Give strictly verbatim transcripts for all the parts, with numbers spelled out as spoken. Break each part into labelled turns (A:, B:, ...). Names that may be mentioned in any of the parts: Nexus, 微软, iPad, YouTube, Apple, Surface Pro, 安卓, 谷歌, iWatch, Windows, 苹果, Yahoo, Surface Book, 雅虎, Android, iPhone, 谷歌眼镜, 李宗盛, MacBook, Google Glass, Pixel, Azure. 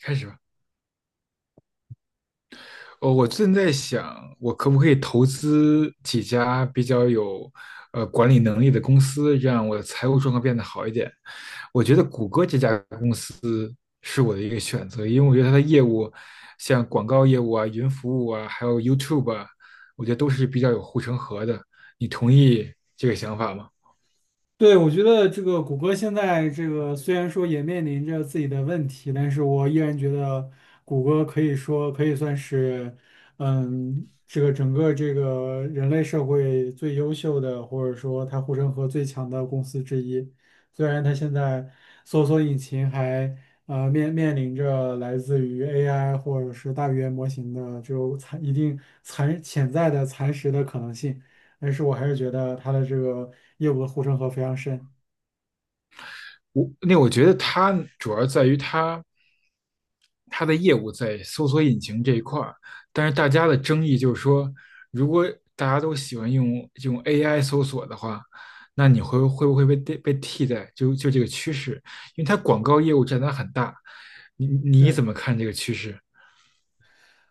A: 开始吧。哦，我正在想，我可不可以投资几家比较有呃管理能力的公司，让我的财务状况变得好一点？我觉得谷歌这家公司是我的一个选择，因为我觉得它的业务，像广告业务啊、云服务啊，还有 YouTube 啊，我觉得都是比较有护城河的。你同意这个想法吗？
B: 对，我觉得这个谷歌现在这个虽然说也面临着自己的问题，但是我依然觉得谷歌可以说可以算是，嗯，这个整个这个人类社会最优秀的，或者说它护城河最强的公司之一。虽然它现在搜索引擎还呃面面临着来自于 A I 或者是大语言模型的这种蚕一定残潜在的蚕食的可能性。但是我还是觉得它的这个业务的护城河非常深。
A: 我，那我觉得它主要在于它。它的业务在搜索引擎这一块儿，但是大家的争议就是说，如果大家都喜欢用用 A I 搜索的话，那你会会不会被被替代？就就这个趋势，因为它广告业务占它很大，你你怎
B: 对。
A: 么看这个趋势？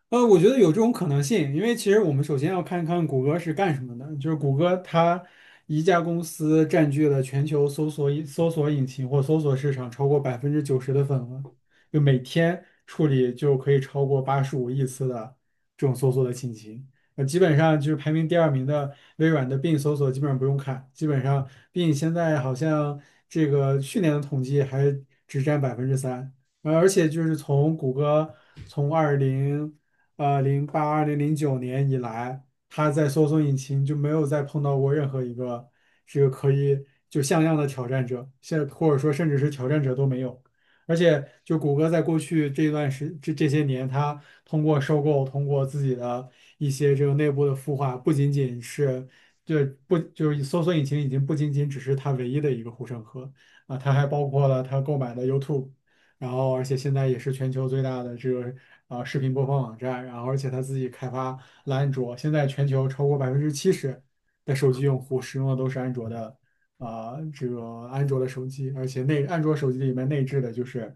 B: 呃，我觉得有这种可能性，因为其实我们首先要看看谷歌是干什么的。就是谷歌它一家公司占据了全球搜索引搜索引擎或搜索市场超过百分之九十的份额，就每天处理就可以超过八十五亿次的这种搜索的信息。呃，基本上就是排名第二名的微软的 Bing 搜索基本上不用看，基本上 Bing 现在好像这个去年的统计还只占百分之三。呃，而且就是从谷歌从二零呃零八二零零九年以来，它在搜索引擎就没有再碰到过任何一个这个可以就像样的挑战者，现或者说甚至是挑战者都没有。而且，就谷歌在过去这段时这这些年，它通过收购，通过自己的一些这个内部的孵化，不仅仅是对不就是搜索引擎已经不仅仅只是它唯一的一个护城河啊，它还包括了它购买的 YouTube。然后而且现在也是全球最大的这个呃视频播放网站，然后而且它自己开发了安卓，现在全球超过百分之七十的手机用户使用的都是安卓的啊、这个安卓的手机，而且内安卓手机里面内置的就是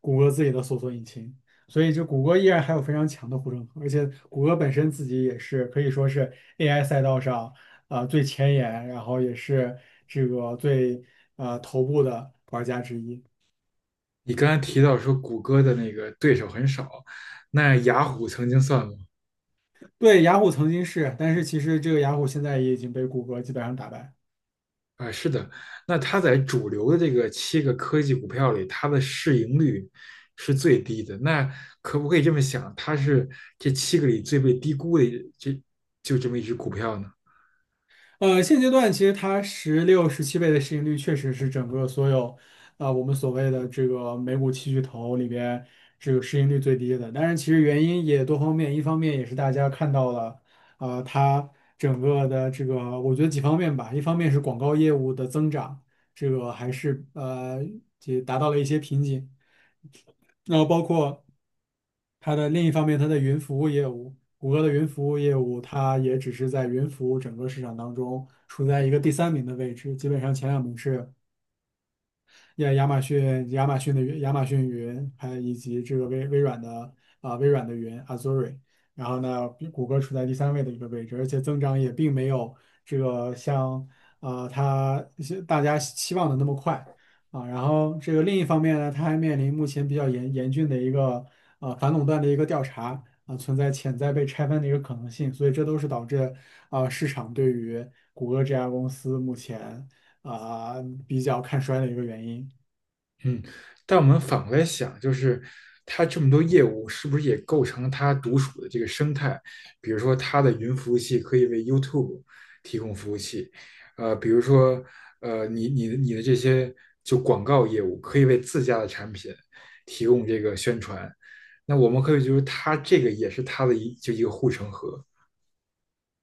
B: 谷歌自己的搜索引擎，所以这谷歌依然还有非常强的护城河，而且谷歌本身自己也是可以说是 A I 赛道上啊、最前沿，然后也是这个最啊头部的玩家之一。
A: 你刚才提到说谷歌的那个对手很少，那雅虎曾经算吗？
B: 对，雅虎曾经是，但是其实这个雅虎现在也已经被谷歌基本上打败。
A: 啊，是的，那它在主流的这个七个科技股票里，它的市盈率是最低的。那可不可以这么想，它是这七个里最被低估的这就这么一只股票呢？
B: 呃，现阶段其实它十六、十七倍的市盈率确实是整个所有，呃，我们所谓的这个美股七巨头里边这个市盈率最低的。但是其实原因也多方面，一方面也是大家看到了，呃，它整个的这个，我觉得几方面吧，一方面是广告业务的增长，这个还是呃也达到了一些瓶颈。然后包括它的另一方面，它的云服务业务，谷歌的云服务业务，它也只是在云服务整个市场当中处在一个第三名的位置，基本上前两名是亚亚马逊亚马逊的云亚马逊云，还有以及这个微微软的啊、微软的云 Azure。然后呢，比谷歌处在第三位的一个位置，而且增长也并没有这个像呃它是大家期望的那么快啊。然后这个另一方面呢，它还面临目前比较严严峻的一个呃反垄断的一个调查啊、存在潜在被拆分的一个可能性，所以这都是导致啊、市场对于谷歌这家公司目前啊、比较看衰的一个原因。
A: 嗯，但我们反过来想，就是它这么多业务，是不是也构成了它独属的这个生态？比如说，它的云服务器可以为 YouTube 提供服务器，呃，比如说，呃，你你你的这些就广告业务可以为自家的产品提供这个宣传。那我们可以就是它这个也是它的一就一个护城河，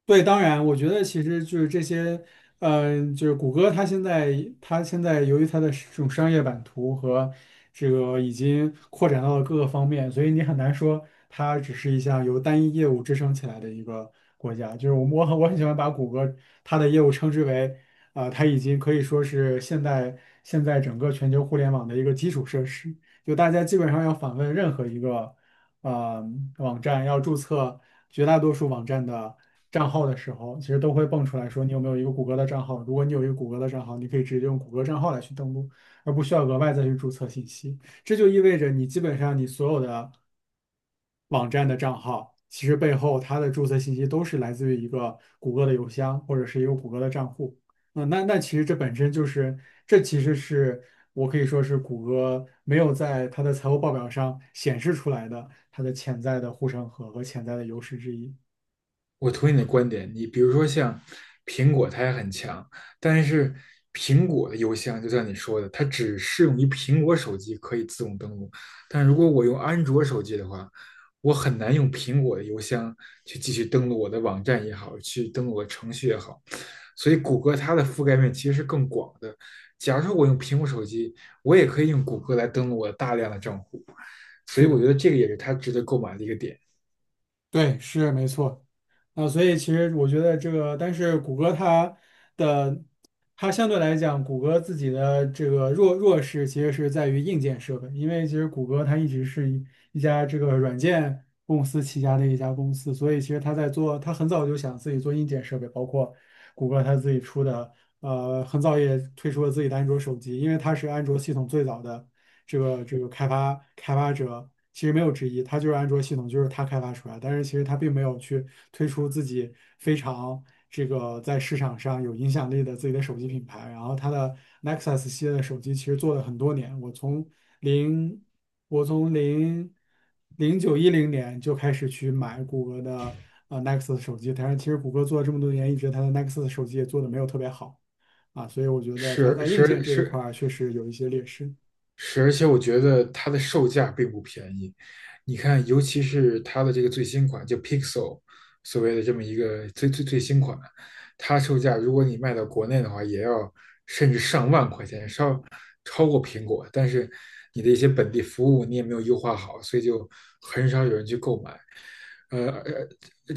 B: 对，当然，我觉得其实就是这些，嗯，就是谷歌，它现在它现在由于它的这种商业版图和这个已经扩展到了各个方面，所以你很难说它只是一项由单一业务支撑起来的一个国家。就是我我很我很喜欢把谷歌它的业务称之为，啊、它已经可以说是现在现在整个全球互联网的一个基础设施。就大家基本上要访问任何一个。呃网站要注册绝大多数网站的账号的时候，其实都会蹦出来说你有没有一个谷歌的账号。如果你有一个谷歌的账号，你可以直接用谷歌账号来去登录，而不需要额外再去注册信息。这就意味着你基本上你所有的网站的账号，其实背后它的注册信息都是来自于一个谷歌的邮箱或者是一个谷歌的账户。嗯，那那其实这本身就是，这其实是我可以说是谷歌没有在它的财务报表上显示出来的它的潜在的护城河和潜在的优势之一。
A: 我同意你的观点，你比如说像苹果，它也很强，但是苹果的邮箱就像你说的，它只适用于苹果手机可以自动登录，但如果我用安卓手机的话，我很难用苹果的邮箱去继续登录我的网站也好，去登录我的程序也好，所以谷歌它的覆盖面其实是更广的。假如说我用苹果手机，我也可以用谷歌来登录我大量的账户，所
B: 是
A: 以我
B: 的，
A: 觉得这个也是它值得购买的一个点。
B: 对，是没错。啊、所以其实我觉得这个，但是谷歌它的它相对来讲，谷歌自己的这个弱弱势其实是在于硬件设备，因为其实谷歌它一直是一一家这个软件公司旗下的一家公司，所以其实它在做，它很早就想自己做硬件设备，包括。谷歌它自己出的，呃，很早也推出了自己的安卓手机，因为它是安卓系统最早的这个这个开发开发者，其实没有之一，它就是安卓系统就是它开发出来，但是其实它并没有去推出自己非常这个在市场上有影响力的自己的手机品牌。然后它的 Nexus 系列的手机其实做了很多年，我从零，我从零零九一零年就开始去买谷歌的呃 Nexus 手机，但是其实谷歌做了这么多年，一直它的 Nexus 手机也做的没有特别好啊，所以我觉得它
A: 是
B: 在硬件
A: 是
B: 这一
A: 是，
B: 块儿确实有一些劣势。
A: 是，而且我觉得它的售价并不便宜。你看，尤其是它的这个最新款，就 Pixel,所谓的这么一个最最最新款，它售价如果你卖到国内的话，也要甚至上万块钱，稍超过苹果。但是你的一些本地服务你也没有优化好，所以就很少有人去购买。呃，而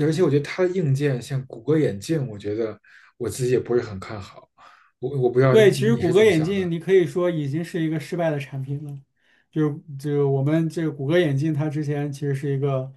A: 而且我觉得它的硬件，像谷歌眼镜，我觉得我自己也不是很看好。我我不知道
B: 对，其实
A: 你
B: 谷
A: 是
B: 歌
A: 怎么
B: 眼
A: 想
B: 镜，
A: 的。
B: 你可以说已经是一个失败的产品了。就是就是我们这个谷歌眼镜，它之前其实是一个，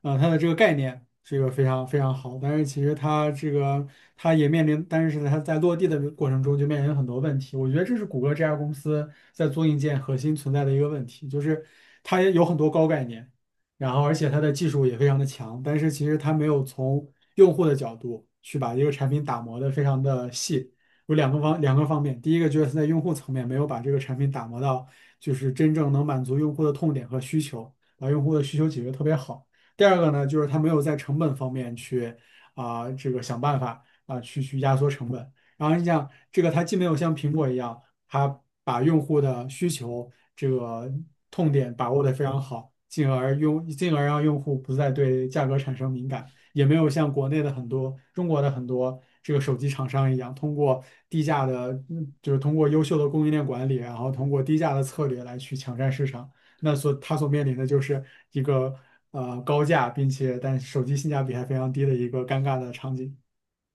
B: 呃，它的这个概念是一个非常非常好，但是其实它这个它也面临，但是它在落地的过程中就面临很多问题。我觉得这是谷歌这家公司在做硬件核心存在的一个问题，就是它也有很多高概念，然后而且它的技术也非常的强，但是其实它没有从用户的角度去把一个产品打磨的非常的细。有两个方两个方面，第一个就是在用户层面没有把这个产品打磨到，就是真正能满足用户的痛点和需求，把用户的需求解决特别好。第二个呢，就是它没有在成本方面去啊、这个想办法啊、去去压缩成本。然后你想，这个它既没有像苹果一样，它把用户的需求这个痛点把握得非常好，进而用进而让用户不再对价格产生敏感。也没有像国内的很多中国的很多这个手机厂商一样，通过低价的，嗯就是通过优秀的供应链管理，然后通过低价的策略来去抢占市场。那所它所面临的就是一个呃高价，并且但手机性价比还非常低的一个尴尬的场景。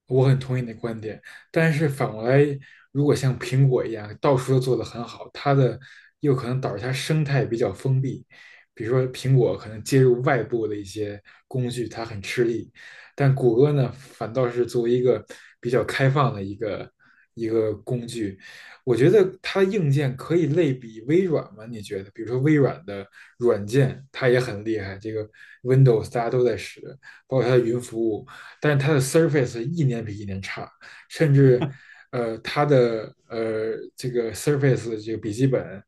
A: 我很同意你的观点，但是反过来，如果像苹果一样到处都做得很好，它的又可能导致它生态比较封闭。比如说，苹果可能接入外部的一些工具，它很吃力，但谷歌呢，反倒是作为一个比较开放的一个一个工具，我觉得它硬件可以类比微软吗？你觉得？比如说微软的软件，它也很厉害，这个 Windows 大家都在使，包括它的云服务。但是它的 Surface 一年比一年差，甚至呃，它的呃这个 Surface 这个笔记本，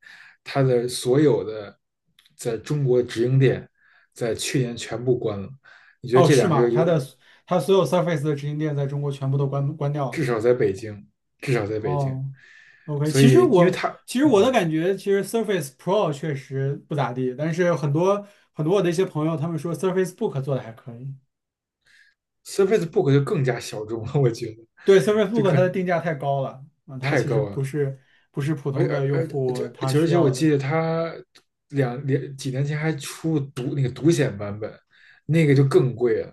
A: 它的所有的在中国直营店在去年全部关了。你觉得
B: 哦，
A: 这
B: 是
A: 两
B: 吗？
A: 个
B: 它
A: 有，
B: 的它所有 Surface 的直营店在中国全部都关关掉了，
A: 至
B: 是
A: 少
B: 吗？
A: 在北京，至少在北京，
B: 哦。OK，
A: 所
B: 其实
A: 以因为
B: 我
A: 它
B: 其实我的
A: 嗯
B: 感觉，其实 Surface Pro 确实不咋地，但是很多很多我的一些朋友，他们说 Surface Book 做的还可以。
A: ，Surface Book 就更加小众了，我觉得
B: 对，Surface
A: 这
B: Book
A: 可
B: 它的定价太高了，啊，它
A: 太
B: 其实
A: 高
B: 不
A: 了。
B: 是不是普
A: 而
B: 通的
A: 而
B: 用
A: 而这
B: 户
A: 而
B: 他
A: 且而
B: 需
A: 且我
B: 要的。
A: 记得他两两几年前还出独那个独显版本，那个就更贵了。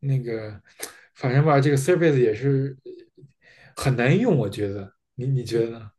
A: 那个反正吧，这个 Surface 也是很难用，我觉得。你你觉得
B: 嗯
A: 呢？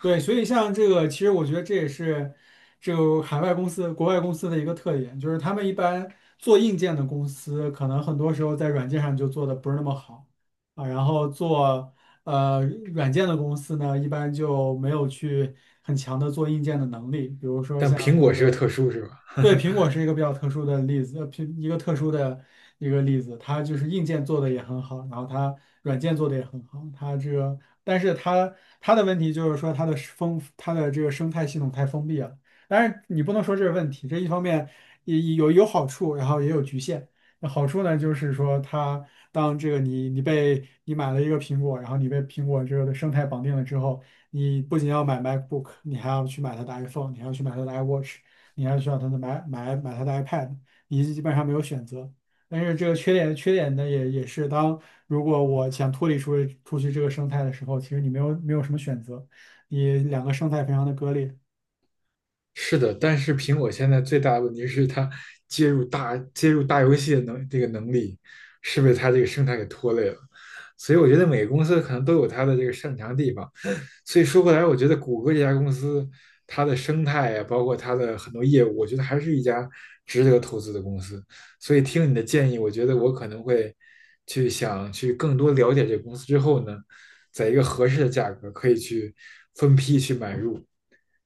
B: 对，所以像这个，其实我觉得这也是这个海外公司、国外公司的一个特点，就是他们一般做硬件的公司，可能很多时候在软件上就做的不是那么好啊，然后做呃软件的公司呢，一般就没有去很强的做硬件的能力，比如说
A: 但
B: 像
A: 苹果
B: 这
A: 是个
B: 个
A: 特殊，是吧？
B: 对，苹果是一个比较特殊的例子，呃，苹一个特殊的一个例子，它就是硬件做的也很好，然后它软件做的也很好，它这个，但是它它的问题就是说它的是封它的这个生态系统太封闭了。但是你不能说这是问题，这一方面也也有有好处，然后也有局限。那好处呢，就是说它当这个你你被你买了一个苹果，然后你被苹果这个的生态绑定了之后，你不仅要买 MacBook，你还要去买它的 iPhone，你还要去买它的 iWatch。你还需要他的买买买他的 iPad，你基本上没有选择。但是这个缺点缺点呢，也也是当如果我想脱离出出去这个生态的时候，其实你没有没有什么选择，你两个生态非常的割裂。
A: 是的，但是苹果现在最大的问题是它接入大接入大游戏的能这个能力是被它这个生态给拖累了，所以我觉得每个公司可能都有它的这个擅长的地方。所以说回来，我觉得谷歌这家公司它的生态啊，包括它的很多业务，我觉得还是一家值得投资的公司。所以听你的建议，我觉得我可能会去想去更多了解这个公司之后呢，在一个合适的价格可以去分批去买入。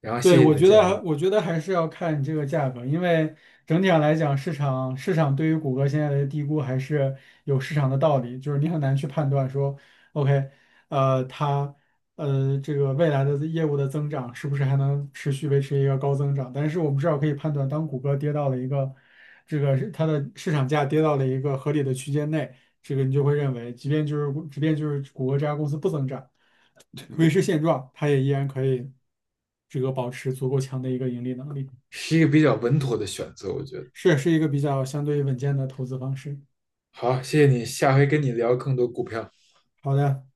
A: 然后
B: 对，
A: 谢谢你
B: 我
A: 的
B: 觉
A: 建
B: 得，
A: 议。
B: 我觉得还是要看你这个价格，因为整体上来讲，市场市场对于谷歌现在的低估还是有市场的道理，就是你很难去判断说，OK，呃，它呃这个未来的业务的增长是不是还能持续维持一个高增长？但是我们至少可以判断，当谷歌跌到了一个这个是它的市场价跌到了一个合理的区间内，这个你就会认为，即便就是即便就是谷歌这家公司不增长。维持现状，它也依然可以这个保持足够强的一个盈利能力，
A: 是一个比较稳妥的选择，我觉得。
B: 是是一个比较相对稳健的投资方式。
A: 好，谢谢你，下回跟你聊更多股票。
B: 好的。